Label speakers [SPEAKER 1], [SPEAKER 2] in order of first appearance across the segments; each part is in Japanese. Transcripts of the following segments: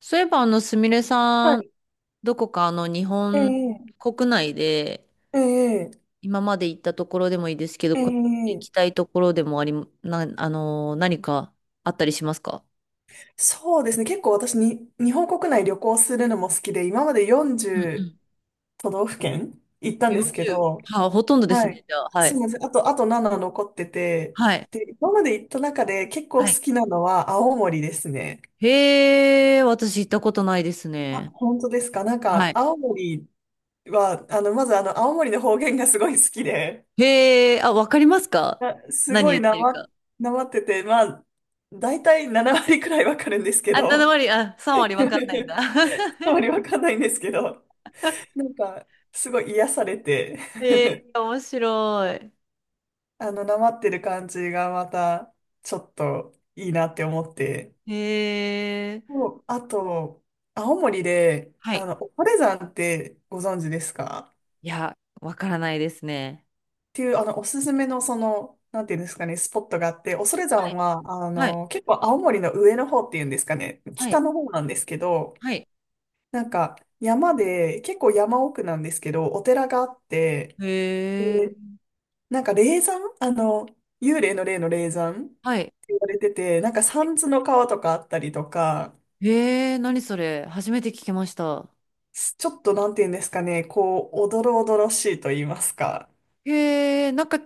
[SPEAKER 1] そういえば、すみれ
[SPEAKER 2] は
[SPEAKER 1] さん、
[SPEAKER 2] い。
[SPEAKER 1] どこか日
[SPEAKER 2] え
[SPEAKER 1] 本
[SPEAKER 2] え、
[SPEAKER 1] 国内で、
[SPEAKER 2] ええ、
[SPEAKER 1] 今まで行ったところでもいいですけど、
[SPEAKER 2] え
[SPEAKER 1] これから行
[SPEAKER 2] え、
[SPEAKER 1] きたいところでもあり、な、あのー、何かあったりしますか？
[SPEAKER 2] そうですね。結構私に、日本国内旅行するのも好きで、今まで
[SPEAKER 1] うんう
[SPEAKER 2] 40
[SPEAKER 1] ん。
[SPEAKER 2] 都道府県行ったんですけ
[SPEAKER 1] 40。
[SPEAKER 2] ど、
[SPEAKER 1] はあ、ほとんどです
[SPEAKER 2] は
[SPEAKER 1] ね、
[SPEAKER 2] い。
[SPEAKER 1] じゃあ。は
[SPEAKER 2] そう
[SPEAKER 1] い。
[SPEAKER 2] なんです。あと7残ってて、
[SPEAKER 1] はい。
[SPEAKER 2] で、今まで行った中で結構好
[SPEAKER 1] はい。
[SPEAKER 2] きなのは青森ですね。
[SPEAKER 1] へえ、私行ったことないです
[SPEAKER 2] あ、
[SPEAKER 1] ね。
[SPEAKER 2] 本当ですか。なん
[SPEAKER 1] は
[SPEAKER 2] か、
[SPEAKER 1] い。
[SPEAKER 2] 青森は、まず青森の方言がすごい好きで、
[SPEAKER 1] へえ、あ、わかりますか？
[SPEAKER 2] あ、す
[SPEAKER 1] 何
[SPEAKER 2] ご
[SPEAKER 1] 言
[SPEAKER 2] い
[SPEAKER 1] っ
[SPEAKER 2] な
[SPEAKER 1] てる
[SPEAKER 2] ま、
[SPEAKER 1] か。
[SPEAKER 2] なまってて、まあ、大体7割くらいわかるんですけ
[SPEAKER 1] あ、7
[SPEAKER 2] ど、
[SPEAKER 1] 割、あ、3割わかんないんだ。
[SPEAKER 2] あま りわかんないんですけど、なんか、すごい癒されて、
[SPEAKER 1] へえ、面白い。
[SPEAKER 2] なまってる感じがまた、ちょっといいなって思って。
[SPEAKER 1] へえ、
[SPEAKER 2] そう、あと、青森で、
[SPEAKER 1] はい。
[SPEAKER 2] 恐山ってご存知ですか？っ
[SPEAKER 1] いや、わからないですね。
[SPEAKER 2] ていう、おすすめの、なんていうんですかね、スポットがあって、恐
[SPEAKER 1] は
[SPEAKER 2] 山
[SPEAKER 1] い。
[SPEAKER 2] は、
[SPEAKER 1] はい。
[SPEAKER 2] 結構青森の上の方っていうんですかね、
[SPEAKER 1] は
[SPEAKER 2] 北
[SPEAKER 1] い。
[SPEAKER 2] の方なんですけど、
[SPEAKER 1] はい。
[SPEAKER 2] なんか、山で、結構山奥なんですけど、お寺があって、
[SPEAKER 1] へ
[SPEAKER 2] で、
[SPEAKER 1] え。
[SPEAKER 2] なんか霊山、幽霊の霊の霊山って
[SPEAKER 1] はい。
[SPEAKER 2] 言われてて、なんか三途の川とかあったりとか、
[SPEAKER 1] へえ、何それ。初めて聞きました。
[SPEAKER 2] ちょっとなんて言うんですかね、こう、おどろおどろしいと言いますか。
[SPEAKER 1] へえ、なんか、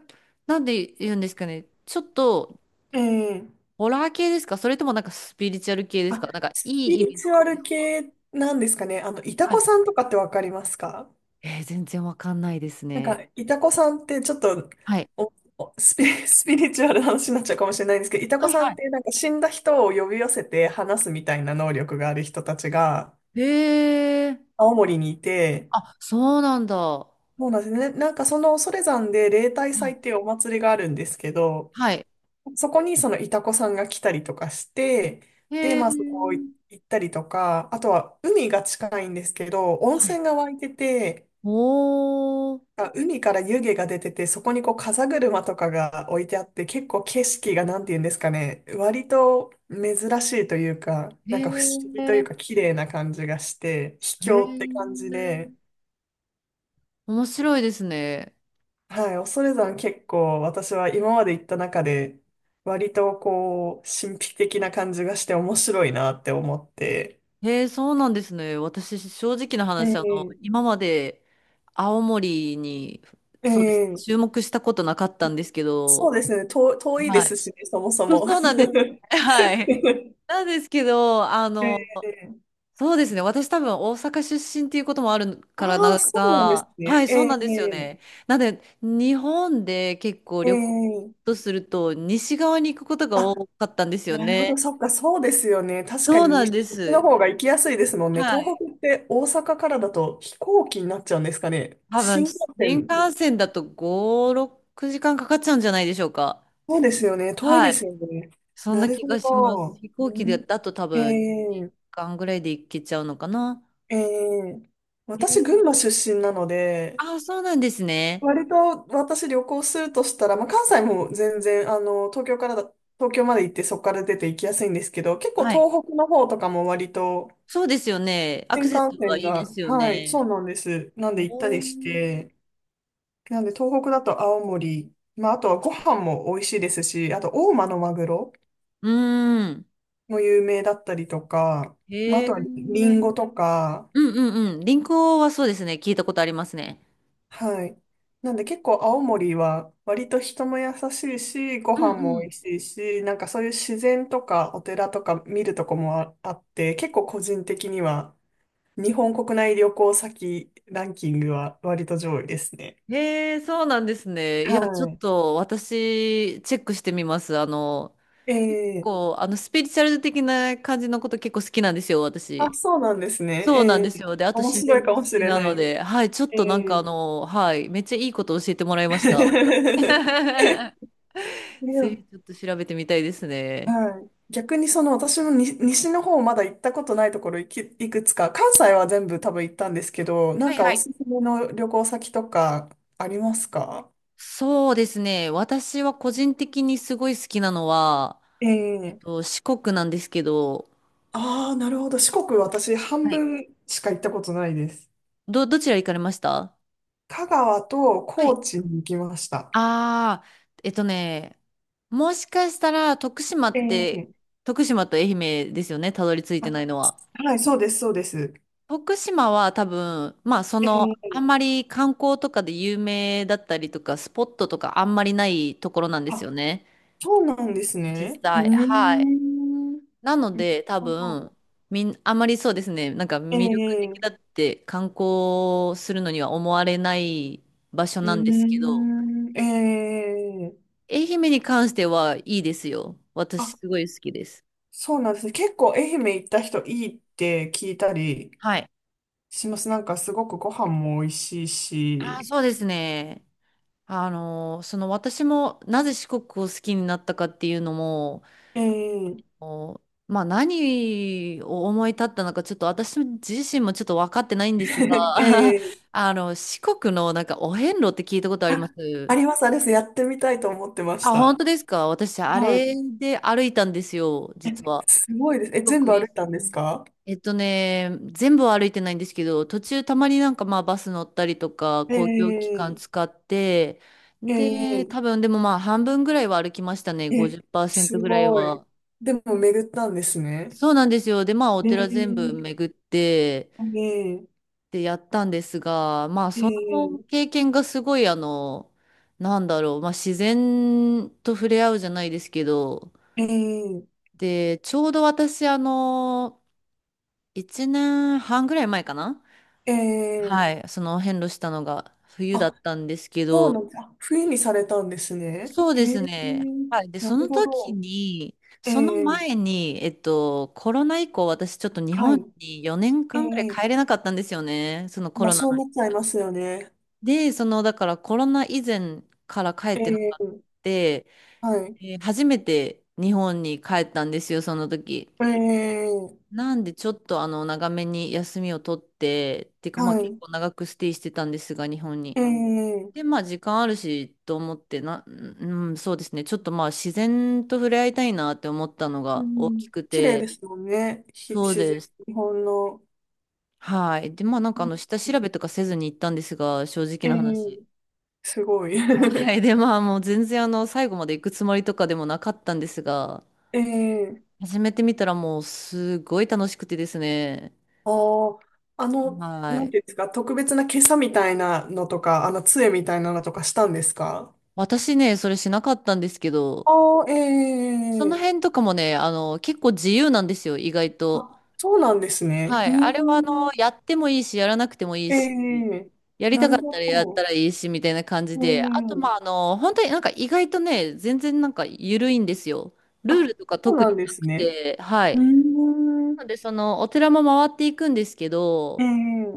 [SPEAKER 1] なんで言うんですかね。ちょっと、
[SPEAKER 2] ええ、
[SPEAKER 1] ホラー系ですか、それともなんかスピリチュアル系です
[SPEAKER 2] あ、
[SPEAKER 1] か、なんか、い
[SPEAKER 2] スピ
[SPEAKER 1] い意
[SPEAKER 2] リ
[SPEAKER 1] 味の
[SPEAKER 2] チュ
[SPEAKER 1] あ
[SPEAKER 2] ア
[SPEAKER 1] れで
[SPEAKER 2] ル
[SPEAKER 1] すか？
[SPEAKER 2] 系なんですかね。イタ
[SPEAKER 1] は
[SPEAKER 2] コ
[SPEAKER 1] い。
[SPEAKER 2] さんとかってわかりますか？
[SPEAKER 1] 全然わかんないです
[SPEAKER 2] なん
[SPEAKER 1] ね。
[SPEAKER 2] か、イタコさんってちょっと、
[SPEAKER 1] はい。
[SPEAKER 2] おおスピ、スピリチュアルな話になっちゃうかもしれないんですけど、イタ
[SPEAKER 1] は
[SPEAKER 2] コ
[SPEAKER 1] い、
[SPEAKER 2] さんっ
[SPEAKER 1] は
[SPEAKER 2] てなんか死んだ人を呼び寄せて話すみたいな能力がある人たちが
[SPEAKER 1] い。へえ。
[SPEAKER 2] 青森にいて、
[SPEAKER 1] あ、そうなんだ。は
[SPEAKER 2] そうなんですね。ね、なんかその恐山で例大祭ってい
[SPEAKER 1] い。
[SPEAKER 2] うお祭りがあるんですけど、
[SPEAKER 1] はい。
[SPEAKER 2] そこにそのイタコさんが来たりとかして、
[SPEAKER 1] へ
[SPEAKER 2] で、
[SPEAKER 1] え。
[SPEAKER 2] まあそこ行ったりとか、あとは海が近いんですけど、温
[SPEAKER 1] はい。
[SPEAKER 2] 泉が湧いてて、
[SPEAKER 1] おー。
[SPEAKER 2] あ、海から湯気が出てて、そこにこう風車とかが置いてあって、結構景色がなんて言うんですかね、割と珍しいというか、
[SPEAKER 1] へ
[SPEAKER 2] なんか不思議とい
[SPEAKER 1] え。
[SPEAKER 2] うか綺麗な感じがして、秘
[SPEAKER 1] へ
[SPEAKER 2] 境って感じ
[SPEAKER 1] え、
[SPEAKER 2] で、
[SPEAKER 1] 面白いですね。
[SPEAKER 2] はい、恐山結構私は今まで行った中で割とこう神秘的な感じがして面白いなって思って、
[SPEAKER 1] へえ、そうなんですね。私、正直な
[SPEAKER 2] え
[SPEAKER 1] 話、
[SPEAKER 2] え、
[SPEAKER 1] 今まで青森に、そうですね、
[SPEAKER 2] ええ、
[SPEAKER 1] 注目したことなかったんですけ
[SPEAKER 2] そ
[SPEAKER 1] ど、
[SPEAKER 2] うですね、遠いで
[SPEAKER 1] はい。
[SPEAKER 2] すしね、そもそ
[SPEAKER 1] そう
[SPEAKER 2] も。
[SPEAKER 1] そうなんですよね。は い。
[SPEAKER 2] え
[SPEAKER 1] なんですけど、
[SPEAKER 2] え、
[SPEAKER 1] そうですね。私多分大阪出身っていうこともある
[SPEAKER 2] あ
[SPEAKER 1] からな
[SPEAKER 2] あ、
[SPEAKER 1] ん
[SPEAKER 2] そうなんです
[SPEAKER 1] か、は
[SPEAKER 2] ね。
[SPEAKER 1] い、
[SPEAKER 2] え
[SPEAKER 1] そうなんですよ
[SPEAKER 2] え
[SPEAKER 1] ね。なので、日本で結構旅行
[SPEAKER 2] ええ、
[SPEAKER 1] とすると、西側に行くことが
[SPEAKER 2] あ、
[SPEAKER 1] 多かったんですよ
[SPEAKER 2] なるほ
[SPEAKER 1] ね。
[SPEAKER 2] ど、そっか、そうですよね。確か
[SPEAKER 1] そう
[SPEAKER 2] に
[SPEAKER 1] なん
[SPEAKER 2] 西
[SPEAKER 1] で
[SPEAKER 2] の
[SPEAKER 1] す。
[SPEAKER 2] 方が行きやすいですもんね。
[SPEAKER 1] は
[SPEAKER 2] 東
[SPEAKER 1] い。
[SPEAKER 2] 北って大阪からだと飛行機になっちゃうんですかね。
[SPEAKER 1] 多分、
[SPEAKER 2] 新幹
[SPEAKER 1] 新
[SPEAKER 2] 線。
[SPEAKER 1] 幹線だと5、6時間かんかかっちゃうんじゃないでしょうか。
[SPEAKER 2] そうですよね。遠い
[SPEAKER 1] は
[SPEAKER 2] で
[SPEAKER 1] い。
[SPEAKER 2] すよね。
[SPEAKER 1] そん
[SPEAKER 2] な
[SPEAKER 1] な
[SPEAKER 2] る
[SPEAKER 1] 気
[SPEAKER 2] ほ
[SPEAKER 1] がします。
[SPEAKER 2] ど。
[SPEAKER 1] 飛行機
[SPEAKER 2] う
[SPEAKER 1] で
[SPEAKER 2] ん、
[SPEAKER 1] だと多
[SPEAKER 2] え
[SPEAKER 1] 分、時
[SPEAKER 2] え
[SPEAKER 1] 間ぐらいで行けちゃうのかな。
[SPEAKER 2] ええ、
[SPEAKER 1] へ
[SPEAKER 2] 私、
[SPEAKER 1] え。
[SPEAKER 2] 群馬出身なので、
[SPEAKER 1] ああ、そうなんですね。
[SPEAKER 2] 割と私旅行するとしたら、まあ、関西も全然、東京からだ、東京まで行ってそこから出て行きやすいんですけど、結構
[SPEAKER 1] はい。
[SPEAKER 2] 東北の方とかも割と
[SPEAKER 1] そうですよね。ア
[SPEAKER 2] 新
[SPEAKER 1] クセス
[SPEAKER 2] 幹
[SPEAKER 1] が
[SPEAKER 2] 線
[SPEAKER 1] いいで
[SPEAKER 2] が、
[SPEAKER 1] すよ
[SPEAKER 2] はい、
[SPEAKER 1] ね。
[SPEAKER 2] そうなんです。なんで行った
[SPEAKER 1] お
[SPEAKER 2] りし
[SPEAKER 1] ー。
[SPEAKER 2] て、なんで東北だと青森、まあ、あとはご飯も美味しいですし、あと大間のマグロ。
[SPEAKER 1] うーん。
[SPEAKER 2] も有名だったりとか、まあ、
[SPEAKER 1] へ
[SPEAKER 2] あ
[SPEAKER 1] え。
[SPEAKER 2] とはリ
[SPEAKER 1] う
[SPEAKER 2] ンゴ
[SPEAKER 1] ん
[SPEAKER 2] とか、
[SPEAKER 1] うんうん。リンクはそうですね。聞いたことありますね。
[SPEAKER 2] はい。なんで結構青森は割と人も優しいし、ご
[SPEAKER 1] う
[SPEAKER 2] 飯
[SPEAKER 1] んう
[SPEAKER 2] も美
[SPEAKER 1] ん。
[SPEAKER 2] 味しいし、なんかそういう自然とかお寺とか見るとこもああって、結構個人的には日本国内旅行先ランキングは割と上位ですね。
[SPEAKER 1] へえ、そうなんですね。いや、ちょっ
[SPEAKER 2] はい。
[SPEAKER 1] と私、チェックしてみます。
[SPEAKER 2] ええ、
[SPEAKER 1] こう、スピリチュアル的な感じのこと結構好きなんですよ、
[SPEAKER 2] あ、
[SPEAKER 1] 私。
[SPEAKER 2] そうなんですね。
[SPEAKER 1] そうなんで
[SPEAKER 2] え
[SPEAKER 1] す
[SPEAKER 2] え、
[SPEAKER 1] よ。で、あと
[SPEAKER 2] 面
[SPEAKER 1] 自
[SPEAKER 2] 白
[SPEAKER 1] 然
[SPEAKER 2] い
[SPEAKER 1] も
[SPEAKER 2] か
[SPEAKER 1] 好
[SPEAKER 2] もし
[SPEAKER 1] き
[SPEAKER 2] れ
[SPEAKER 1] な
[SPEAKER 2] な
[SPEAKER 1] の
[SPEAKER 2] いです。
[SPEAKER 1] で、はい、ちょっ
[SPEAKER 2] え
[SPEAKER 1] となんか
[SPEAKER 2] え、
[SPEAKER 1] はい、めっちゃいいこと教えてもらいました。
[SPEAKER 2] で
[SPEAKER 1] ぜひ
[SPEAKER 2] も、
[SPEAKER 1] ちょっと調べてみたいですね。
[SPEAKER 2] はい。逆に、私もに西の方まだ行ったことないところいくつか、関西は全部多分行ったんですけど、な
[SPEAKER 1] は
[SPEAKER 2] ん
[SPEAKER 1] い
[SPEAKER 2] か
[SPEAKER 1] は
[SPEAKER 2] お
[SPEAKER 1] い。
[SPEAKER 2] すすめの旅行先とかありますか？
[SPEAKER 1] そうですね。私は個人的にすごい好きなのは、
[SPEAKER 2] ええ、
[SPEAKER 1] 四国なんですけど、
[SPEAKER 2] ああー、なるほど。四国私半
[SPEAKER 1] はい。
[SPEAKER 2] 分しか行ったことないです。
[SPEAKER 1] どちら行かれました？
[SPEAKER 2] 香川と
[SPEAKER 1] は
[SPEAKER 2] 高
[SPEAKER 1] い。
[SPEAKER 2] 知に行きました。
[SPEAKER 1] ああ、えっとね、もしかしたら徳島
[SPEAKER 2] え
[SPEAKER 1] って、
[SPEAKER 2] え、
[SPEAKER 1] 徳島と愛媛ですよね、たどり着いて
[SPEAKER 2] あ、
[SPEAKER 1] ないのは。
[SPEAKER 2] はい、そうです、そうです。
[SPEAKER 1] 徳島は多分、まあそ
[SPEAKER 2] え
[SPEAKER 1] の、
[SPEAKER 2] え、
[SPEAKER 1] あんまり観光とかで有名だったりとか、スポットとかあんまりないところなんです
[SPEAKER 2] あ、
[SPEAKER 1] よね。
[SPEAKER 2] そうなんです
[SPEAKER 1] 実
[SPEAKER 2] ね。うー
[SPEAKER 1] 際。はい。
[SPEAKER 2] ん。
[SPEAKER 1] なの
[SPEAKER 2] なる
[SPEAKER 1] で多
[SPEAKER 2] ほど、
[SPEAKER 1] 分、あんまり、そうですね、なんか魅力的
[SPEAKER 2] え
[SPEAKER 1] だ
[SPEAKER 2] え、
[SPEAKER 1] って観光するのには思われない場所
[SPEAKER 2] う
[SPEAKER 1] な
[SPEAKER 2] ー
[SPEAKER 1] んですけど、
[SPEAKER 2] ん。ええ、
[SPEAKER 1] 愛媛に関してはいいですよ。私
[SPEAKER 2] あ、
[SPEAKER 1] すごい好きです。
[SPEAKER 2] そうなんですね。結構愛媛行った人いいって聞いたり
[SPEAKER 1] はい。
[SPEAKER 2] します。なんかすごくご飯も美味しい
[SPEAKER 1] ああ、
[SPEAKER 2] し。
[SPEAKER 1] そうですね。その私もなぜ四国を好きになったかっていうのも、
[SPEAKER 2] ええ、
[SPEAKER 1] おまあ何を思い立ったのか、ちょっと私自身もちょっと分かってないんですが、
[SPEAKER 2] ええ、
[SPEAKER 1] 四国のなんかお遍路って聞いたことあり
[SPEAKER 2] あ、
[SPEAKER 1] ま
[SPEAKER 2] あ
[SPEAKER 1] す？
[SPEAKER 2] ります、あれです。やってみたいと思ってまし
[SPEAKER 1] あ、本
[SPEAKER 2] た。
[SPEAKER 1] 当ですか、私、あ
[SPEAKER 2] は
[SPEAKER 1] れ
[SPEAKER 2] い。
[SPEAKER 1] で歩いたんですよ、
[SPEAKER 2] え、
[SPEAKER 1] 実は。
[SPEAKER 2] すごいです。え、
[SPEAKER 1] 四
[SPEAKER 2] 全部
[SPEAKER 1] 国
[SPEAKER 2] 歩
[SPEAKER 1] 一
[SPEAKER 2] い
[SPEAKER 1] 周。
[SPEAKER 2] たんですか？
[SPEAKER 1] 全部は歩いてないんですけど、途中たまになんかまあバス乗ったりとか、公共機関
[SPEAKER 2] ええ
[SPEAKER 1] 使って、で、
[SPEAKER 2] え
[SPEAKER 1] 多分でもまあ半分ぐらいは歩きましたね、
[SPEAKER 2] ええ、
[SPEAKER 1] 50%
[SPEAKER 2] す
[SPEAKER 1] ぐらい
[SPEAKER 2] ごい。
[SPEAKER 1] は。
[SPEAKER 2] でも巡ったんですね。
[SPEAKER 1] そうなんですよ。で、まあお寺全部
[SPEAKER 2] ええ
[SPEAKER 1] 巡って、
[SPEAKER 2] ええ
[SPEAKER 1] で、やったんですが、まあその
[SPEAKER 2] ええ
[SPEAKER 1] 経験がすごいなんだろう、まあ自然と触れ合うじゃないですけど、
[SPEAKER 2] え
[SPEAKER 1] で、ちょうど私1年半ぐらい前かな。
[SPEAKER 2] ええ、
[SPEAKER 1] は
[SPEAKER 2] え
[SPEAKER 1] い、その遍路したのが冬だっ
[SPEAKER 2] あ、
[SPEAKER 1] たんですけ
[SPEAKER 2] そう
[SPEAKER 1] ど、
[SPEAKER 2] なんです。あ、冬にされたんですね。
[SPEAKER 1] そう
[SPEAKER 2] へ
[SPEAKER 1] で
[SPEAKER 2] え、
[SPEAKER 1] すね。はい。で、
[SPEAKER 2] な
[SPEAKER 1] そ
[SPEAKER 2] る
[SPEAKER 1] の
[SPEAKER 2] ほ
[SPEAKER 1] 時
[SPEAKER 2] ど。
[SPEAKER 1] に、
[SPEAKER 2] え
[SPEAKER 1] その
[SPEAKER 2] え、
[SPEAKER 1] 前に、コロナ以降、私ちょっと日
[SPEAKER 2] は
[SPEAKER 1] 本
[SPEAKER 2] い。
[SPEAKER 1] に4
[SPEAKER 2] え
[SPEAKER 1] 年間ぐらい
[SPEAKER 2] え、
[SPEAKER 1] 帰れなかったんですよね。そのコ
[SPEAKER 2] まあ
[SPEAKER 1] ロナ
[SPEAKER 2] そう
[SPEAKER 1] の影
[SPEAKER 2] 思っちゃい
[SPEAKER 1] 響
[SPEAKER 2] ま
[SPEAKER 1] で。
[SPEAKER 2] すよね。
[SPEAKER 1] で、その、だからコロナ以前から帰ってなか
[SPEAKER 2] え
[SPEAKER 1] った。
[SPEAKER 2] え、
[SPEAKER 1] で、
[SPEAKER 2] はい。
[SPEAKER 1] 初めて日本に帰ったんですよ、その時。
[SPEAKER 2] ええ、
[SPEAKER 1] なんでちょっと長めに休みを取って、っていうかまあ
[SPEAKER 2] は
[SPEAKER 1] 結
[SPEAKER 2] い。
[SPEAKER 1] 構長くステイしてたんですが、日本に。
[SPEAKER 2] ええ、
[SPEAKER 1] で、まあ時間あるしと思ってな、うん、そうですね。ちょっとまあ自然と触れ合いたいなって思ったの
[SPEAKER 2] う
[SPEAKER 1] が大
[SPEAKER 2] ん、
[SPEAKER 1] きく
[SPEAKER 2] 綺麗で
[SPEAKER 1] て、
[SPEAKER 2] すもんね。
[SPEAKER 1] そう
[SPEAKER 2] 自然、
[SPEAKER 1] です。
[SPEAKER 2] 日本の。
[SPEAKER 1] はい。で、まあなん
[SPEAKER 2] う
[SPEAKER 1] か
[SPEAKER 2] ん、
[SPEAKER 1] 下調べとかせずに行ったんですが、正直
[SPEAKER 2] ええ、
[SPEAKER 1] な話。
[SPEAKER 2] すごい。
[SPEAKER 1] は い。で、まあもう全然最後まで行くつもりとかでもなかったんですが、
[SPEAKER 2] ええ、
[SPEAKER 1] 始めてみたらもうすごい楽しくてですね。
[SPEAKER 2] ああ、
[SPEAKER 1] は
[SPEAKER 2] なん
[SPEAKER 1] い。
[SPEAKER 2] ていうんですか、特別な袈裟みたいなのとか、杖みたいなのとかしたんですか？
[SPEAKER 1] 私ね、それしなかったんですけど、
[SPEAKER 2] ああ、
[SPEAKER 1] その
[SPEAKER 2] え
[SPEAKER 1] 辺
[SPEAKER 2] え、
[SPEAKER 1] とかもね、結構自由なんですよ、意外と。
[SPEAKER 2] あ、そうなんですね。
[SPEAKER 1] は
[SPEAKER 2] う
[SPEAKER 1] い。
[SPEAKER 2] ー
[SPEAKER 1] あれは、
[SPEAKER 2] ん。
[SPEAKER 1] やってもいいし、やらなくてもいい
[SPEAKER 2] え
[SPEAKER 1] し、
[SPEAKER 2] え、
[SPEAKER 1] やり
[SPEAKER 2] な
[SPEAKER 1] たか
[SPEAKER 2] る
[SPEAKER 1] った
[SPEAKER 2] ほ
[SPEAKER 1] らやった
[SPEAKER 2] ど。
[SPEAKER 1] らいいし、みたいな感じで、あと、ま
[SPEAKER 2] ええ、
[SPEAKER 1] あ、本当になんか意外とね、全然なんか緩いんですよ。ルー
[SPEAKER 2] あ、
[SPEAKER 1] ルとか
[SPEAKER 2] そう
[SPEAKER 1] 特
[SPEAKER 2] なん
[SPEAKER 1] に
[SPEAKER 2] で
[SPEAKER 1] な
[SPEAKER 2] す
[SPEAKER 1] く
[SPEAKER 2] ね。
[SPEAKER 1] て、は
[SPEAKER 2] うー
[SPEAKER 1] い。
[SPEAKER 2] ん。
[SPEAKER 1] なので、その、お寺も回っていくんですけ
[SPEAKER 2] え
[SPEAKER 1] ど、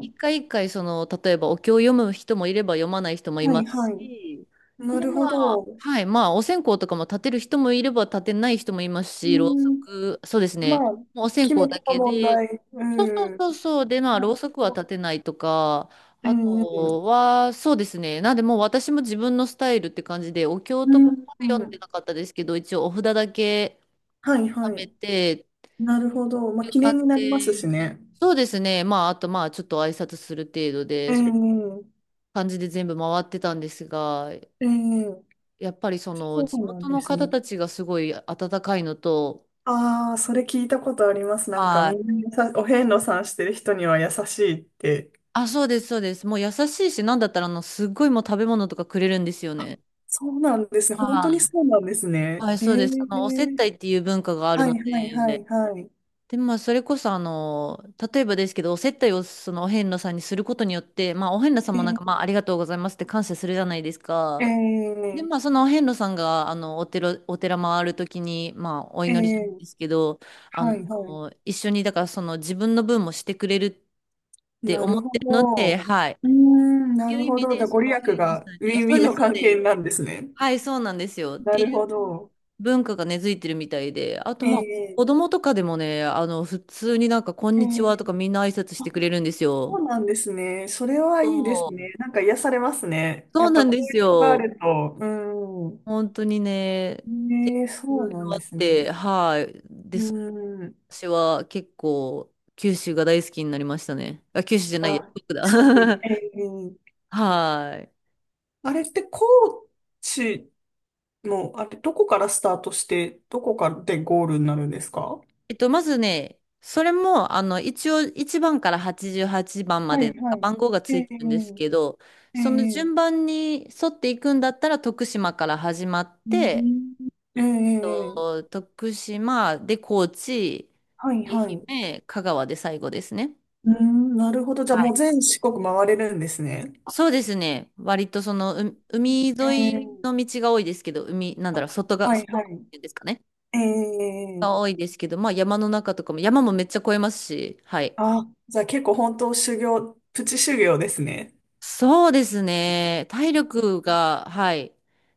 [SPEAKER 1] 一回一回、その、例えば、お経を読む人もいれば読まない人もい
[SPEAKER 2] は
[SPEAKER 1] ま
[SPEAKER 2] いは
[SPEAKER 1] す
[SPEAKER 2] い。
[SPEAKER 1] し、
[SPEAKER 2] な
[SPEAKER 1] で、
[SPEAKER 2] る
[SPEAKER 1] ま
[SPEAKER 2] ほ
[SPEAKER 1] あ、
[SPEAKER 2] ど。う
[SPEAKER 1] はい、まあ、お線香とかも立てる人もいれば立てない人もいます
[SPEAKER 2] ー
[SPEAKER 1] し、ろうそ
[SPEAKER 2] ん。
[SPEAKER 1] く、そうです
[SPEAKER 2] ま
[SPEAKER 1] ね、
[SPEAKER 2] あ、
[SPEAKER 1] もうお線
[SPEAKER 2] 気
[SPEAKER 1] 香
[SPEAKER 2] 持
[SPEAKER 1] だ
[SPEAKER 2] ちの
[SPEAKER 1] け
[SPEAKER 2] 問
[SPEAKER 1] で、
[SPEAKER 2] 題。う
[SPEAKER 1] そうそう
[SPEAKER 2] ん。
[SPEAKER 1] そうそう、で、まあ、
[SPEAKER 2] な
[SPEAKER 1] ろ
[SPEAKER 2] る
[SPEAKER 1] うそく
[SPEAKER 2] ほ
[SPEAKER 1] は
[SPEAKER 2] ど。
[SPEAKER 1] 立てないとか、
[SPEAKER 2] う
[SPEAKER 1] あ
[SPEAKER 2] んうん。
[SPEAKER 1] とは、そうですね、なんで、もう私も自分のスタイルって感じで、お経
[SPEAKER 2] う
[SPEAKER 1] とか
[SPEAKER 2] ん
[SPEAKER 1] は読
[SPEAKER 2] う
[SPEAKER 1] んで
[SPEAKER 2] ん。
[SPEAKER 1] なかったですけど、一応お札だけ
[SPEAKER 2] はい
[SPEAKER 1] 貯
[SPEAKER 2] は
[SPEAKER 1] め
[SPEAKER 2] い。
[SPEAKER 1] て、
[SPEAKER 2] なるほど。まあ、記
[SPEAKER 1] 床っ
[SPEAKER 2] 念になります
[SPEAKER 1] て、
[SPEAKER 2] しね。
[SPEAKER 1] そうですね。まあ、あとまあ、ちょっと挨拶する程度で、そう
[SPEAKER 2] ええ
[SPEAKER 1] 感じで全部回ってたんですが、
[SPEAKER 2] ええ、
[SPEAKER 1] やっぱりその
[SPEAKER 2] そ
[SPEAKER 1] 地
[SPEAKER 2] うなん
[SPEAKER 1] 元
[SPEAKER 2] で
[SPEAKER 1] の
[SPEAKER 2] す
[SPEAKER 1] 方
[SPEAKER 2] ね。
[SPEAKER 1] たちがすごい温かいのと、
[SPEAKER 2] ああ、それ聞いたことあります。なんか
[SPEAKER 1] は
[SPEAKER 2] み
[SPEAKER 1] い。
[SPEAKER 2] んなお遍路さんしてる人には優しいって。
[SPEAKER 1] あ、そうです、そうです。もう優しいし、なんだったらすっごいもう食べ物とかくれるんですよ
[SPEAKER 2] あ、
[SPEAKER 1] ね。
[SPEAKER 2] そうなんですね。本当
[SPEAKER 1] は
[SPEAKER 2] にそうなんです
[SPEAKER 1] い。
[SPEAKER 2] ね。
[SPEAKER 1] はい、
[SPEAKER 2] へ
[SPEAKER 1] そう
[SPEAKER 2] え。
[SPEAKER 1] です。お接待っていう文化がある
[SPEAKER 2] はい
[SPEAKER 1] の
[SPEAKER 2] はいは
[SPEAKER 1] で、
[SPEAKER 2] いはい。
[SPEAKER 1] で、まあ、それこそ、例えばですけど、お接待をそのお遍路さんにすることによって、まあ、お遍路さん
[SPEAKER 2] え
[SPEAKER 1] もなんか、ま
[SPEAKER 2] ー、
[SPEAKER 1] あ、ありがとうございますって感謝するじゃないですか。
[SPEAKER 2] え
[SPEAKER 1] で、まあ、その遍路さんが、お寺回るときに、まあ、お
[SPEAKER 2] ー、
[SPEAKER 1] 祈りじゃな
[SPEAKER 2] え
[SPEAKER 1] い
[SPEAKER 2] ー、
[SPEAKER 1] ですけど、あ
[SPEAKER 2] は
[SPEAKER 1] の、
[SPEAKER 2] いはい。
[SPEAKER 1] 一緒に、だから、その、自分の分もしてくれるって
[SPEAKER 2] な
[SPEAKER 1] 思っ
[SPEAKER 2] るほ
[SPEAKER 1] てるの
[SPEAKER 2] ど。
[SPEAKER 1] で、
[SPEAKER 2] う
[SPEAKER 1] はい。
[SPEAKER 2] ー
[SPEAKER 1] っ
[SPEAKER 2] ん、
[SPEAKER 1] て
[SPEAKER 2] な
[SPEAKER 1] いう
[SPEAKER 2] る
[SPEAKER 1] 意
[SPEAKER 2] ほ
[SPEAKER 1] 味
[SPEAKER 2] ど。じ
[SPEAKER 1] で、
[SPEAKER 2] ゃあ、
[SPEAKER 1] そ
[SPEAKER 2] ご利
[SPEAKER 1] の、お
[SPEAKER 2] 益
[SPEAKER 1] 遍路
[SPEAKER 2] が
[SPEAKER 1] さんに、
[SPEAKER 2] ウ
[SPEAKER 1] いや、
[SPEAKER 2] ィンウ
[SPEAKER 1] そう
[SPEAKER 2] ィン
[SPEAKER 1] です、
[SPEAKER 2] の
[SPEAKER 1] そう
[SPEAKER 2] 関係
[SPEAKER 1] です。
[SPEAKER 2] なんですね。
[SPEAKER 1] はい、そうなんですよ。っ
[SPEAKER 2] な
[SPEAKER 1] て
[SPEAKER 2] る
[SPEAKER 1] いう
[SPEAKER 2] ほど。
[SPEAKER 1] 文化が根付いてるみたいで、あと、
[SPEAKER 2] え
[SPEAKER 1] まあ、
[SPEAKER 2] ー、
[SPEAKER 1] 子供とかでもね、普通になんか、こん
[SPEAKER 2] え
[SPEAKER 1] にち
[SPEAKER 2] ー、
[SPEAKER 1] はとか、みんな挨拶し
[SPEAKER 2] あ、
[SPEAKER 1] てくれるんです
[SPEAKER 2] そ
[SPEAKER 1] よ。
[SPEAKER 2] うなんですね。それはいいで
[SPEAKER 1] そ
[SPEAKER 2] す
[SPEAKER 1] う、
[SPEAKER 2] ね。なんか癒されますね。
[SPEAKER 1] そ
[SPEAKER 2] や
[SPEAKER 1] う
[SPEAKER 2] っぱ
[SPEAKER 1] なん
[SPEAKER 2] 交
[SPEAKER 1] です
[SPEAKER 2] 流があ
[SPEAKER 1] よ。
[SPEAKER 2] ると。うん。
[SPEAKER 1] 本当にね、て
[SPEAKER 2] ねえ、
[SPEAKER 1] い
[SPEAKER 2] そ
[SPEAKER 1] ろ
[SPEAKER 2] う
[SPEAKER 1] い
[SPEAKER 2] なん
[SPEAKER 1] ろあ
[SPEAKER 2] で
[SPEAKER 1] っ
[SPEAKER 2] す
[SPEAKER 1] て、
[SPEAKER 2] ね。
[SPEAKER 1] はい。で、
[SPEAKER 2] う
[SPEAKER 1] そう
[SPEAKER 2] ん。
[SPEAKER 1] 私は結構、九州が大好きになりましたね。あ、九州じゃないや、
[SPEAKER 2] あ、
[SPEAKER 1] 四国だ。
[SPEAKER 2] 四国。ええ、
[SPEAKER 1] はい。
[SPEAKER 2] あれって高知の、あれ、どこからスタートして、どこからでゴールになるんですか？
[SPEAKER 1] まずね、それも、一応、1番から88番ま
[SPEAKER 2] はい
[SPEAKER 1] で、
[SPEAKER 2] はい。
[SPEAKER 1] 番号が
[SPEAKER 2] え
[SPEAKER 1] ついてるんですけ
[SPEAKER 2] え
[SPEAKER 1] ど、その
[SPEAKER 2] え
[SPEAKER 1] 順
[SPEAKER 2] え、
[SPEAKER 1] 番に沿っていくんだったら、徳島から始まっ
[SPEAKER 2] う
[SPEAKER 1] て、
[SPEAKER 2] ん、ええええ、
[SPEAKER 1] 徳島で高知、
[SPEAKER 2] はいは
[SPEAKER 1] 愛
[SPEAKER 2] い。
[SPEAKER 1] 媛、香川で最後ですね。
[SPEAKER 2] うん、なるほど。じゃあ
[SPEAKER 1] は
[SPEAKER 2] も
[SPEAKER 1] い。
[SPEAKER 2] う全四国回れるんですね。
[SPEAKER 1] そうですね。割とその、海
[SPEAKER 2] え
[SPEAKER 1] 沿い
[SPEAKER 2] え、
[SPEAKER 1] の道が多いですけど、海、なんだろう、
[SPEAKER 2] あ、
[SPEAKER 1] 外が、
[SPEAKER 2] はい
[SPEAKER 1] 外
[SPEAKER 2] は
[SPEAKER 1] 側っ
[SPEAKER 2] い。
[SPEAKER 1] ていうんですかね。
[SPEAKER 2] ええ、
[SPEAKER 1] が多いですけど、まあ山の中とかも、山もめっちゃ越えますし、はい。
[SPEAKER 2] あ、じゃあ結構本当修行、プチ修行ですね。
[SPEAKER 1] そうですね。体力が、はい、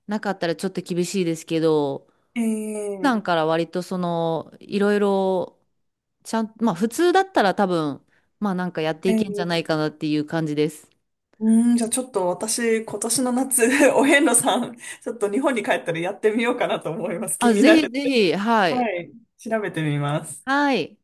[SPEAKER 1] なかったらちょっと厳しいですけど、
[SPEAKER 2] え
[SPEAKER 1] 普
[SPEAKER 2] え
[SPEAKER 1] 段から割とその、いろいろ、ちゃん、まあ普通だったら多分、まあなんかやっていけんじゃ
[SPEAKER 2] え
[SPEAKER 1] ない
[SPEAKER 2] え、
[SPEAKER 1] かなっていう感じです。
[SPEAKER 2] うん、じゃあちょっと私、今年の夏、お遍路さん、ちょっと日本に帰ったらやってみようかなと思います。気
[SPEAKER 1] あ、
[SPEAKER 2] にな
[SPEAKER 1] ぜひ
[SPEAKER 2] る。
[SPEAKER 1] ぜひ、は
[SPEAKER 2] は
[SPEAKER 1] い。
[SPEAKER 2] い、調べてみます。
[SPEAKER 1] はい。